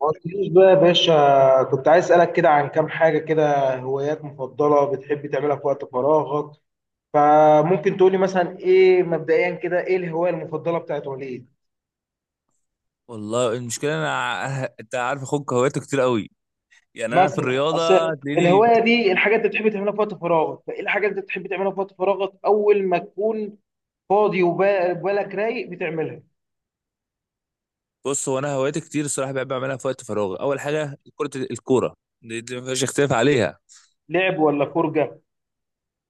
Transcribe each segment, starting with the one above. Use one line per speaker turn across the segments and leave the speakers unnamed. ما قلتليش بقى يا باشا. كنت عايز اسألك كده عن كام حاجة كده، هوايات مفضلة بتحب تعملها في وقت فراغك. فممكن تقولي مثلا ايه مبدئيا كده، ايه الهواية المفضلة بتاعت وليد؟
والله المشكله انا انت عارف اخوك هواياته كتير قوي. يعني انا في
مثلا
الرياضه
اصل
هتلاقيني.
الهواية دي الحاجات اللي بتحب تعملها في وقت فراغك، فايه الحاجات اللي بتحب تعملها في وقت فراغك اول ما تكون فاضي وبالك رايق بتعملها.
بص، هو انا هواياتي كتير الصراحه، بحب اعملها في وقت فراغ. اول حاجه كره الكوره، دي ما فيش اختلاف عليها.
لعب ولا فرجة؟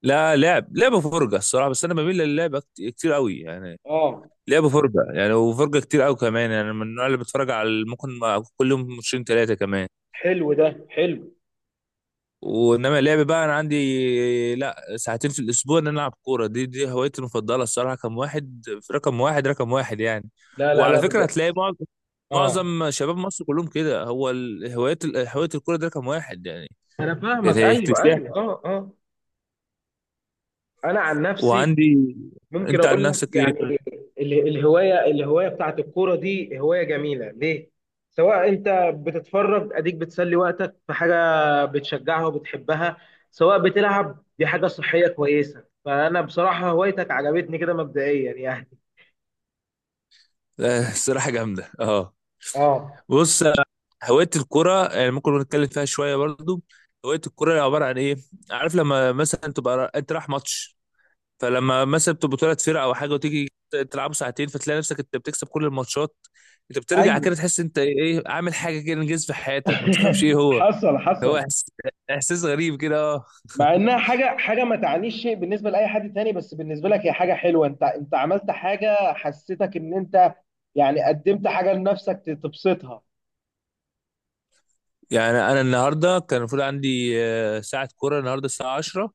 لا لعب، لعب وفرجه الصراحه، بس انا بميل للعب كتير قوي يعني.
اه.
لعب وفرجه يعني، وفرجه كتير قوي كمان يعني، من النوع اللي بتفرج على ممكن كل يوم ماتشين ثلاثه كمان.
حلو، ده حلو.
وانما اللعب بقى انا عندي لا ساعتين في الاسبوع ان انا العب كوره، دي هوايتي المفضله الصراحه، رقم واحد في رقم واحد رقم واحد يعني.
لا لا لا،
وعلى فكره
بجد.
هتلاقي معظم
اه.
معظم شباب مصر كلهم كده، هو هوايه هوايه الكوره دي رقم واحد يعني.
انا
يعني
فاهمك،
هي
ايوه
اكتساح.
ايوه. اه اه. انا عن نفسي،
وعندي
ممكن
انت عن
اقول لك
نفسك ايه طيب؟
يعني الهوايه، الهوايه بتاعت الكوره دي هوايه جميله ليه. سواء انت بتتفرج اديك بتسلي وقتك في حاجه بتشجعها وبتحبها، سواء بتلعب، دي حاجه صحيه كويسه، فانا بصراحه هوايتك عجبتني كده مبدئيا يعني.
آه، الصراحه جامده اه.
اه.
بص، آه، هوايه الكوره يعني ممكن نتكلم فيها شويه برضو. هوايه الكوره عباره عن ايه؟ عارف لما مثلا تبقى انت رايح ماتش، فلما مثلا بتبقوا ثلاث فرق او حاجه وتيجي تلعبوا ساعتين، فتلاقي نفسك انت بتكسب كل الماتشات. انت بترجع
ايوه.
كده تحس انت ايه، عامل حاجه كده انجاز في حياتك، ما تفهمش ايه هو.
حصل
هو
حصل.
احساس غريب كده اه.
مع انها حاجه حاجه ما تعنيش شيء بالنسبه لاي حد تاني، بس بالنسبه لك هي حاجه حلوه. انت عملت حاجه، حسيتك ان انت يعني قدمت حاجه لنفسك تبسطها.
يعني انا النهارده كان المفروض عندي آه، ساعه كوره النهارده الساعه 10،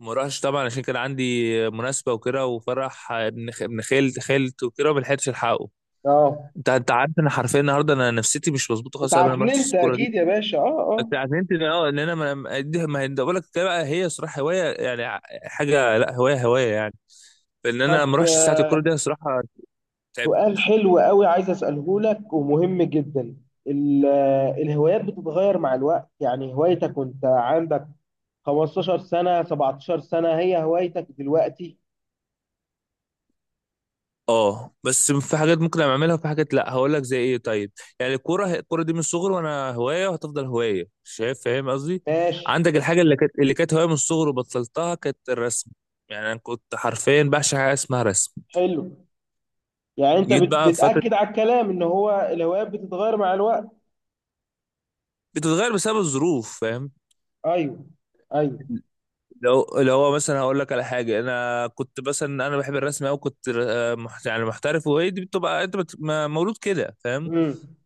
ما راحش طبعا عشان كان عندي مناسبه وكده، وفرح آه، ابن ابن خالت خالت وكده، وما لحقتش الحقه.
اه،
انت عارف انا حرفيا النهارده انا نفسيتي مش مظبوطه خالص، أنا ما رحتش
اتعكننت
الكوره دي.
اكيد يا باشا. اه
بس
اه.
عشان انت اه ان انا ما دي ما ده بقول لك، ده بقى هي صراحه هوايه يعني، حاجه لا هوايه هوايه يعني. فان انا ما
طب
اروحش ساعه الكوره دي صراحه، تعبت.
سؤال حلو قوي عايز اساله لك ومهم جدا. الهوايات بتتغير مع الوقت، يعني هوايتك وانت عندك 15 سنة، 17 سنة، هي هوايتك دلوقتي؟
اه بس في حاجات ممكن اعملها، وفي حاجات لا. هقول لك زي ايه طيب. يعني الكوره، الكوره دي من الصغر وانا هوايه، وهتفضل هوايه، شايف، فاهم قصدي.
ماشي.
عندك الحاجه اللي كانت، اللي كانت هوايه من الصغر وبطلتها، كانت الرسم. يعني انا كنت حرفيا بعشق حاجه اسمها رسم.
حلو. يعني انت
جيت بقى في فتره.
بتأكد على الكلام ان هو الهوايات بتتغير مع الوقت.
بتتغير بسبب الظروف، فاهم.
ايوه. ايوه.
لو هو مثلا هقول لك على حاجه، انا كنت مثلا انا بحب الرسم قوي، كنت آه، يعني محترف، وهي دي بتبقى انت مولود كده، فاهم.
امم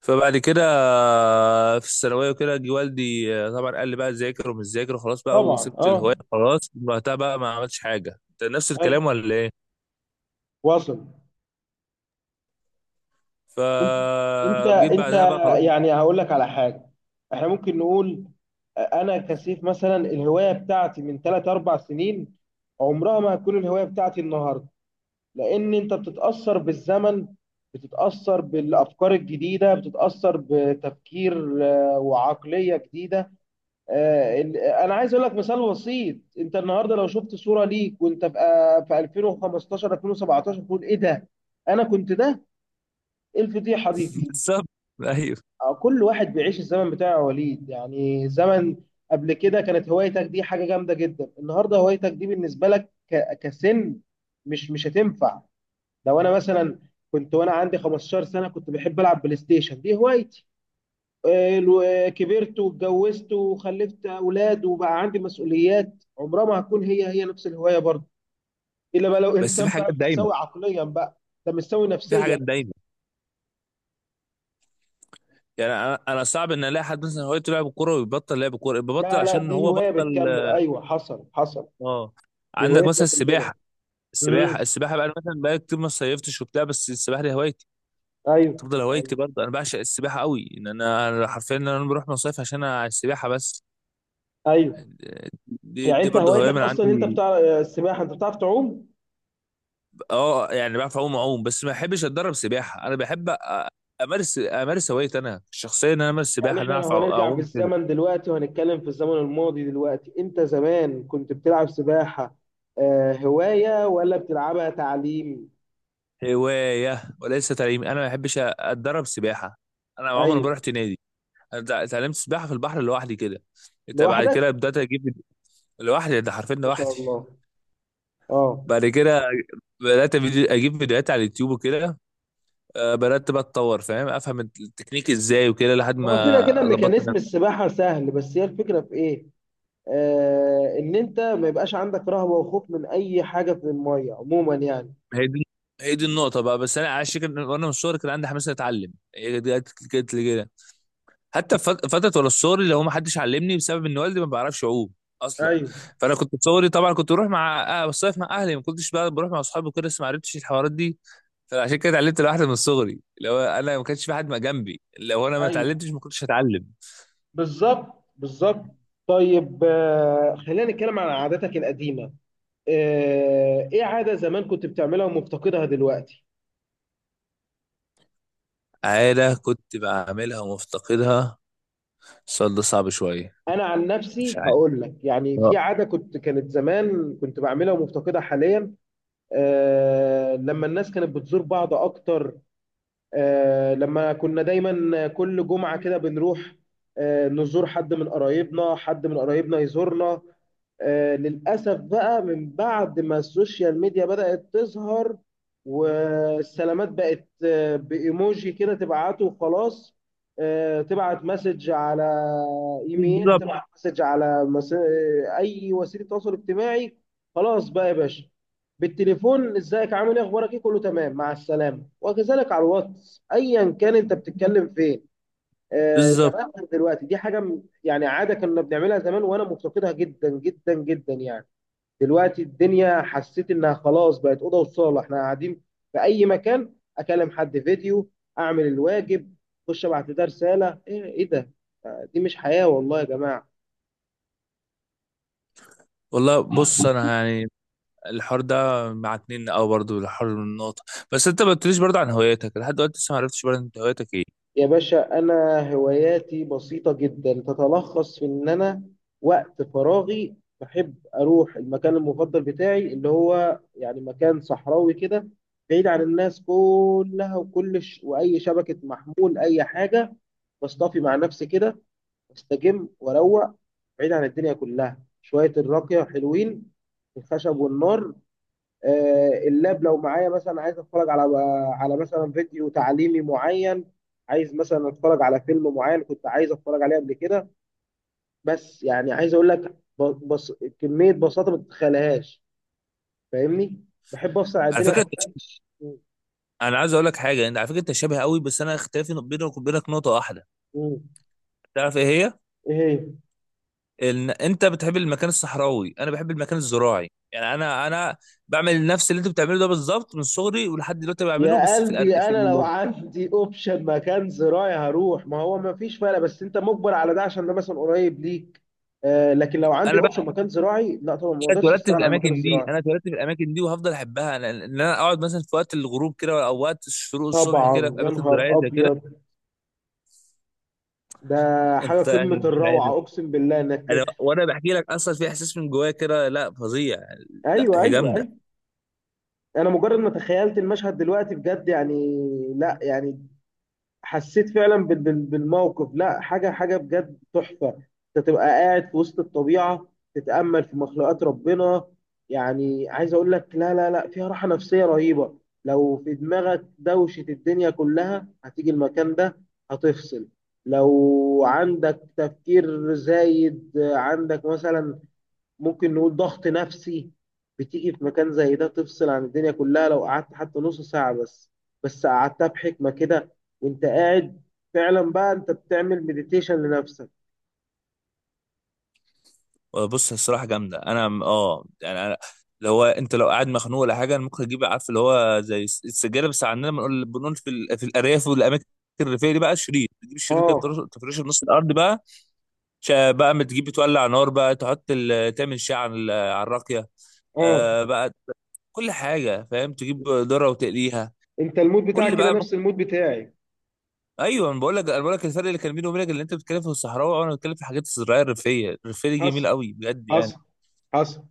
فبعد كده آه، في الثانويه وكده، جه والدي آه، طبعا قال لي بقى ذاكر ومش ذاكر وخلاص بقى،
طبعا.
وسبت الهوايه
اه.
خلاص، من وقتها بقى ما عملتش حاجه. انت نفس الكلام
ايوه.
ولا ايه؟
واصل. انت انت
فجيت
انت
بعدها بقى خلاص.
يعني هقول لك على حاجه، احنا ممكن نقول انا كسيف مثلا الهوايه بتاعتي من 3 4 سنين عمرها ما هتكون الهوايه بتاعتي النهارده، لان انت بتتاثر بالزمن، بتتاثر بالافكار الجديده، بتتاثر بتفكير وعقليه جديده. انا عايز اقول لك مثال بسيط. انت النهارده لو شفت صوره ليك وانت في في 2015، 2017 تقول ايه ده؟ انا كنت ده؟ ايه الفضيحه دي؟
بالظبط. ايوه
كل واحد بيعيش الزمن بتاعه يا وليد. يعني زمن قبل كده كانت هوايتك دي حاجة جامدة جدا، النهاردة هوايتك دي بالنسبة لك كسن مش هتنفع. لو انا مثلا كنت وانا عندي 15 سنة كنت بحب العب بلاي ستيشن، دي هوايتي. كبرت واتجوزت وخلفت اولاد وبقى عندي مسؤوليات، عمرها ما هتكون هي نفس الهواية برضه، الا بقى لو
بس
انسان
في حاجات
بقى
دايمه،
متساوي عقليا بقى. ده مش سوي
في
نفسيا.
حاجات دايمه. يعني انا صعب ان الاقي حد مثلا هوايته لعب كوره ويبطل لعب كوره، ببطل
لا لا،
عشان
دي
هو
هواية
بطل.
بتكمل، ايوه حصل حصل.
اه.
دي
عندك
هوايتنا
مثلا السباحه،
كلنا.
السباحه بقى أنا مثلا بقى كتير ما صيفتش وبتاع، بس السباحه دي هوايتي،
ايوه
تفضل
ايوه
هوايتي برضه. انا بعشق السباحه قوي، ان انا أنا حرفيا إن انا بروح مصيف عشان أنا على السباحه بس.
ايوه.
دي
يعني
دي
انت
برضه هوايه
هوايتك
من
اصلا انت
عندي.
بتاع السباحه، انت بتعرف تعوم.
اه يعني بعرف اعوم، اعوم بس ما بحبش اتدرب سباحه. انا بحب امارس هوايتي انا الشخصيه، ان انا امارس
يعني
سباحه، ان
احنا
انا اعرف
لو هنرجع
اعوم كده.
بالزمن دلوقتي وهنتكلم في الزمن الماضي دلوقتي، انت زمان كنت بتلعب سباحه هوايه ولا بتلعبها تعليم؟
هوايه وليس تعليم، انا ما بحبش اتدرب سباحه. انا عمري ما
ايوه.
رحت نادي. انا اتعلمت سباحه في البحر لوحدي كده. انت بعد كده
لوحدك؟
بدات اجيب. لوحدي، ده حرفيا
ما شاء
لوحدي.
الله. اه.
بعد كده بدات اجيب فيديوهات على اليوتيوب وكده، آه، بدات بقى اتطور، فاهم، افهم التكنيك ازاي وكده، لحد
هو كده
ما
كده
ظبطت انا.
ميكانيزم السباحه سهل، بس هي الفكره في ايه؟ آه، ان انت ما يبقاش عندك رهبه وخوف من اي حاجه في الميه عموما يعني.
هي دي هي دي النقطه بقى. بس انا على الشكل وانا من الصغر كان عندي حماس إني اتعلم، هي دي جت لي كده. حتى في فتره ولا الصغر اللي هو ما حدش علمني بسبب ان والدي ما بيعرفش يعوم اصلا.
ايوه
فانا كنت صغري طبعا كنت بروح مع آه، بصيف مع اهلي، ما كنتش بقى بروح مع اصحابي وكده، بس ما عرفتش الحوارات دي. فعشان كده اتعلمت لوحدي من صغري. لو انا ما كانش في حد ما جنبي، لو انا ما
ايوه،
اتعلمتش، ما كنتش هتعلم.
بالظبط بالظبط. طيب خلينا نتكلم عن عاداتك القديمة. ايه عادة زمان كنت بتعملها ومفتقدها دلوقتي؟
عاده كنت بعملها ومفتقدها، السؤال ده صعب شويه.
انا عن
مش
نفسي
عارف،
هقول لك يعني
آه.
في عادة كنت كانت زمان كنت بعملها ومفتقدها حاليا. لما الناس كانت بتزور بعض اكتر، لما كنا دايما كل جمعة كده بنروح نزور حد من قرايبنا، حد من قرايبنا يزورنا. للأسف بقى من بعد ما السوشيال ميديا بدأت تظهر، والسلامات بقت بإيموجي كده تبعته وخلاص. تبعت مسج على إيميل،
بالظبط
تبعت مسج على مس... آه، أي وسيلة تواصل اجتماعي. خلاص بقى يا باشا، بالتليفون ازيك عامل ايه اخبارك ايه كله تمام مع السلامة، وكذلك على الواتس ايا كان انت بتتكلم فين.
بالظبط.
زمان غير دلوقتي. دي حاجه يعني عاده كنا بنعملها زمان وانا مفتقدها جدا جدا جدا يعني. دلوقتي الدنيا حسيت انها خلاص بقت اوضه وصاله احنا قاعدين في اي مكان، اكلم حد فيديو، اعمل الواجب، اخش ابعت لده رساله ايه ايه ده. دي مش حياه والله يا جماعه.
والله بص انا يعني الحوار ده مع اتنين او برضو الحوار من النقطه. بس انت ما قلتليش برضو عن هواياتك لحد دلوقتي، لسه ما عرفتش برضو انت هواياتك ايه.
يا باشا، أنا هواياتي بسيطة جدا، تتلخص في إن أنا وقت فراغي بحب أروح المكان المفضل بتاعي، اللي هو يعني مكان صحراوي كده بعيد عن الناس كلها وكل وأي شبكة محمول أي حاجة. بصطفي مع نفسي كده، واستجم وأروق بعيد عن الدنيا كلها شوية. الراقية حلوين، الخشب والنار. اللاب لو معايا مثلا، عايز اتفرج على مثلا فيديو تعليمي معين، عايز مثلا اتفرج على فيلم معين كنت عايز اتفرج عليه قبل كده. بس يعني عايز اقول لك بص، كمية بساطة ما تتخيلهاش. فاهمني؟ بحب افصل على
على
الدنيا
فكره
كلها. م-
انا عايز اقول لك حاجه، انت على فكره انت شبه قوي، بس انا اختلافي بينك وبينك نقطه واحده،
م.
تعرف ايه هي؟
ايه هي؟
إن انت بتحب المكان الصحراوي، انا بحب المكان الزراعي، يعني انا بعمل نفس اللي انت بتعمله ده بالظبط من صغري ولحد دلوقتي بعمله،
يا
بس في
قلبي،
في
انا لو عندي اوبشن مكان زراعي هروح، ما هو ما فيش فرق، بس انت مجبر على ده عشان ده مثلا قريب ليك. لكن لو عندي
انا بقى
اوبشن مكان زراعي، لا طبعا ما
مش
اقدرش
اتولدت في
استغنى عن المكان
الاماكن دي،
الزراعي.
انا اتولدت في الاماكن دي وهفضل احبها. ان انا اقعد مثلا في وقت الغروب كده او وقت الشروق الصبح كده
طبعا
في
يا
اماكن زراعيه
نهار
زي كده.
ابيض، ده حاجه
انت
قمه
يعني مش عارف،
الروعه، اقسم بالله انك
انا
ت...
وانا بحكي لك اصلا في احساس من جوايا كده، لا فظيع، لا
ايوه ايوه
هي جامده.
ايوه. انا مجرد ما تخيلت المشهد دلوقتي بجد يعني. لا يعني حسيت فعلا بالموقف. لا حاجه، حاجه بجد تحفه. انت تبقى قاعد في وسط الطبيعه، تتامل في مخلوقات ربنا. يعني عايز اقول لك لا لا لا، فيها راحه نفسيه رهيبه. لو في دماغك دوشه الدنيا كلها، هتيجي المكان ده هتفصل. لو عندك تفكير زايد، عندك مثلا ممكن نقول ضغط نفسي، بتيجي في مكان زي ده تفصل عن الدنيا كلها. لو قعدت حتى نص ساعة بس، بس قعدتها بحكمة كده وانت قاعد، فعلا بقى انت بتعمل مديتيشن لنفسك.
آه، بص الصراحه جامده انا اه يعني انا اللي هو انت لو قاعد مخنوق ولا حاجه، انا ممكن اجيب عارف اللي هو زي السجاده، بس عندنا بنقول، بنقول في في الارياف والاماكن الريفيه دي بقى، شريط، تجيب الشريط كده
اه.
تفرشه في نص الارض بقى. بقى ما تجيب تولع نار بقى، تحط تعمل شاي على على الراقيه،
اه.
آه بقى، كل حاجه فاهم، تجيب ذره وتقليها.
انت المود
كل
بتاعك كده
بقى ممكن.
نفس المود بتاعي.
ايوه انا بقول لك، انا بقول لك الفرق اللي كان بيني وبينك، اللي انت بتتكلم في الصحراوي وانا بتكلم في الحاجات الزراعيه الريفيه، الريفيه دي
حصل
جميله قوي بجد يعني.
حصل حصل.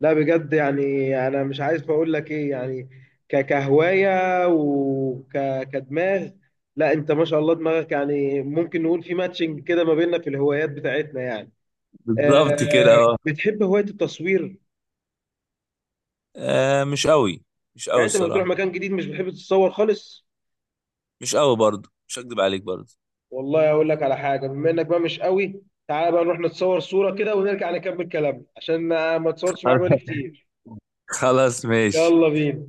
لا بجد يعني انا مش عايز اقول لك ايه يعني. كهوايه وكدماغ، لا انت ما شاء الله دماغك يعني، ممكن نقول في ماتشنج كده ما بيننا في الهوايات بتاعتنا يعني.
بالظبط كده
آه،
آه.
بتحب هواية التصوير؟
آه مش قوي، مش قوي
يعني انت لما بتروح
الصراحة،
مكان جديد مش بتحب تتصور خالص.
مش قوي برضه، مش هكدب عليك برضه.
والله اقول لك على حاجه، بما انك بقى مش قوي، تعالى بقى نروح نتصور صوره كده ونرجع نكمل كلامنا عشان ما اتصورتش معاك بقالي كتير.
خلاص ماشي.
يلا بينا.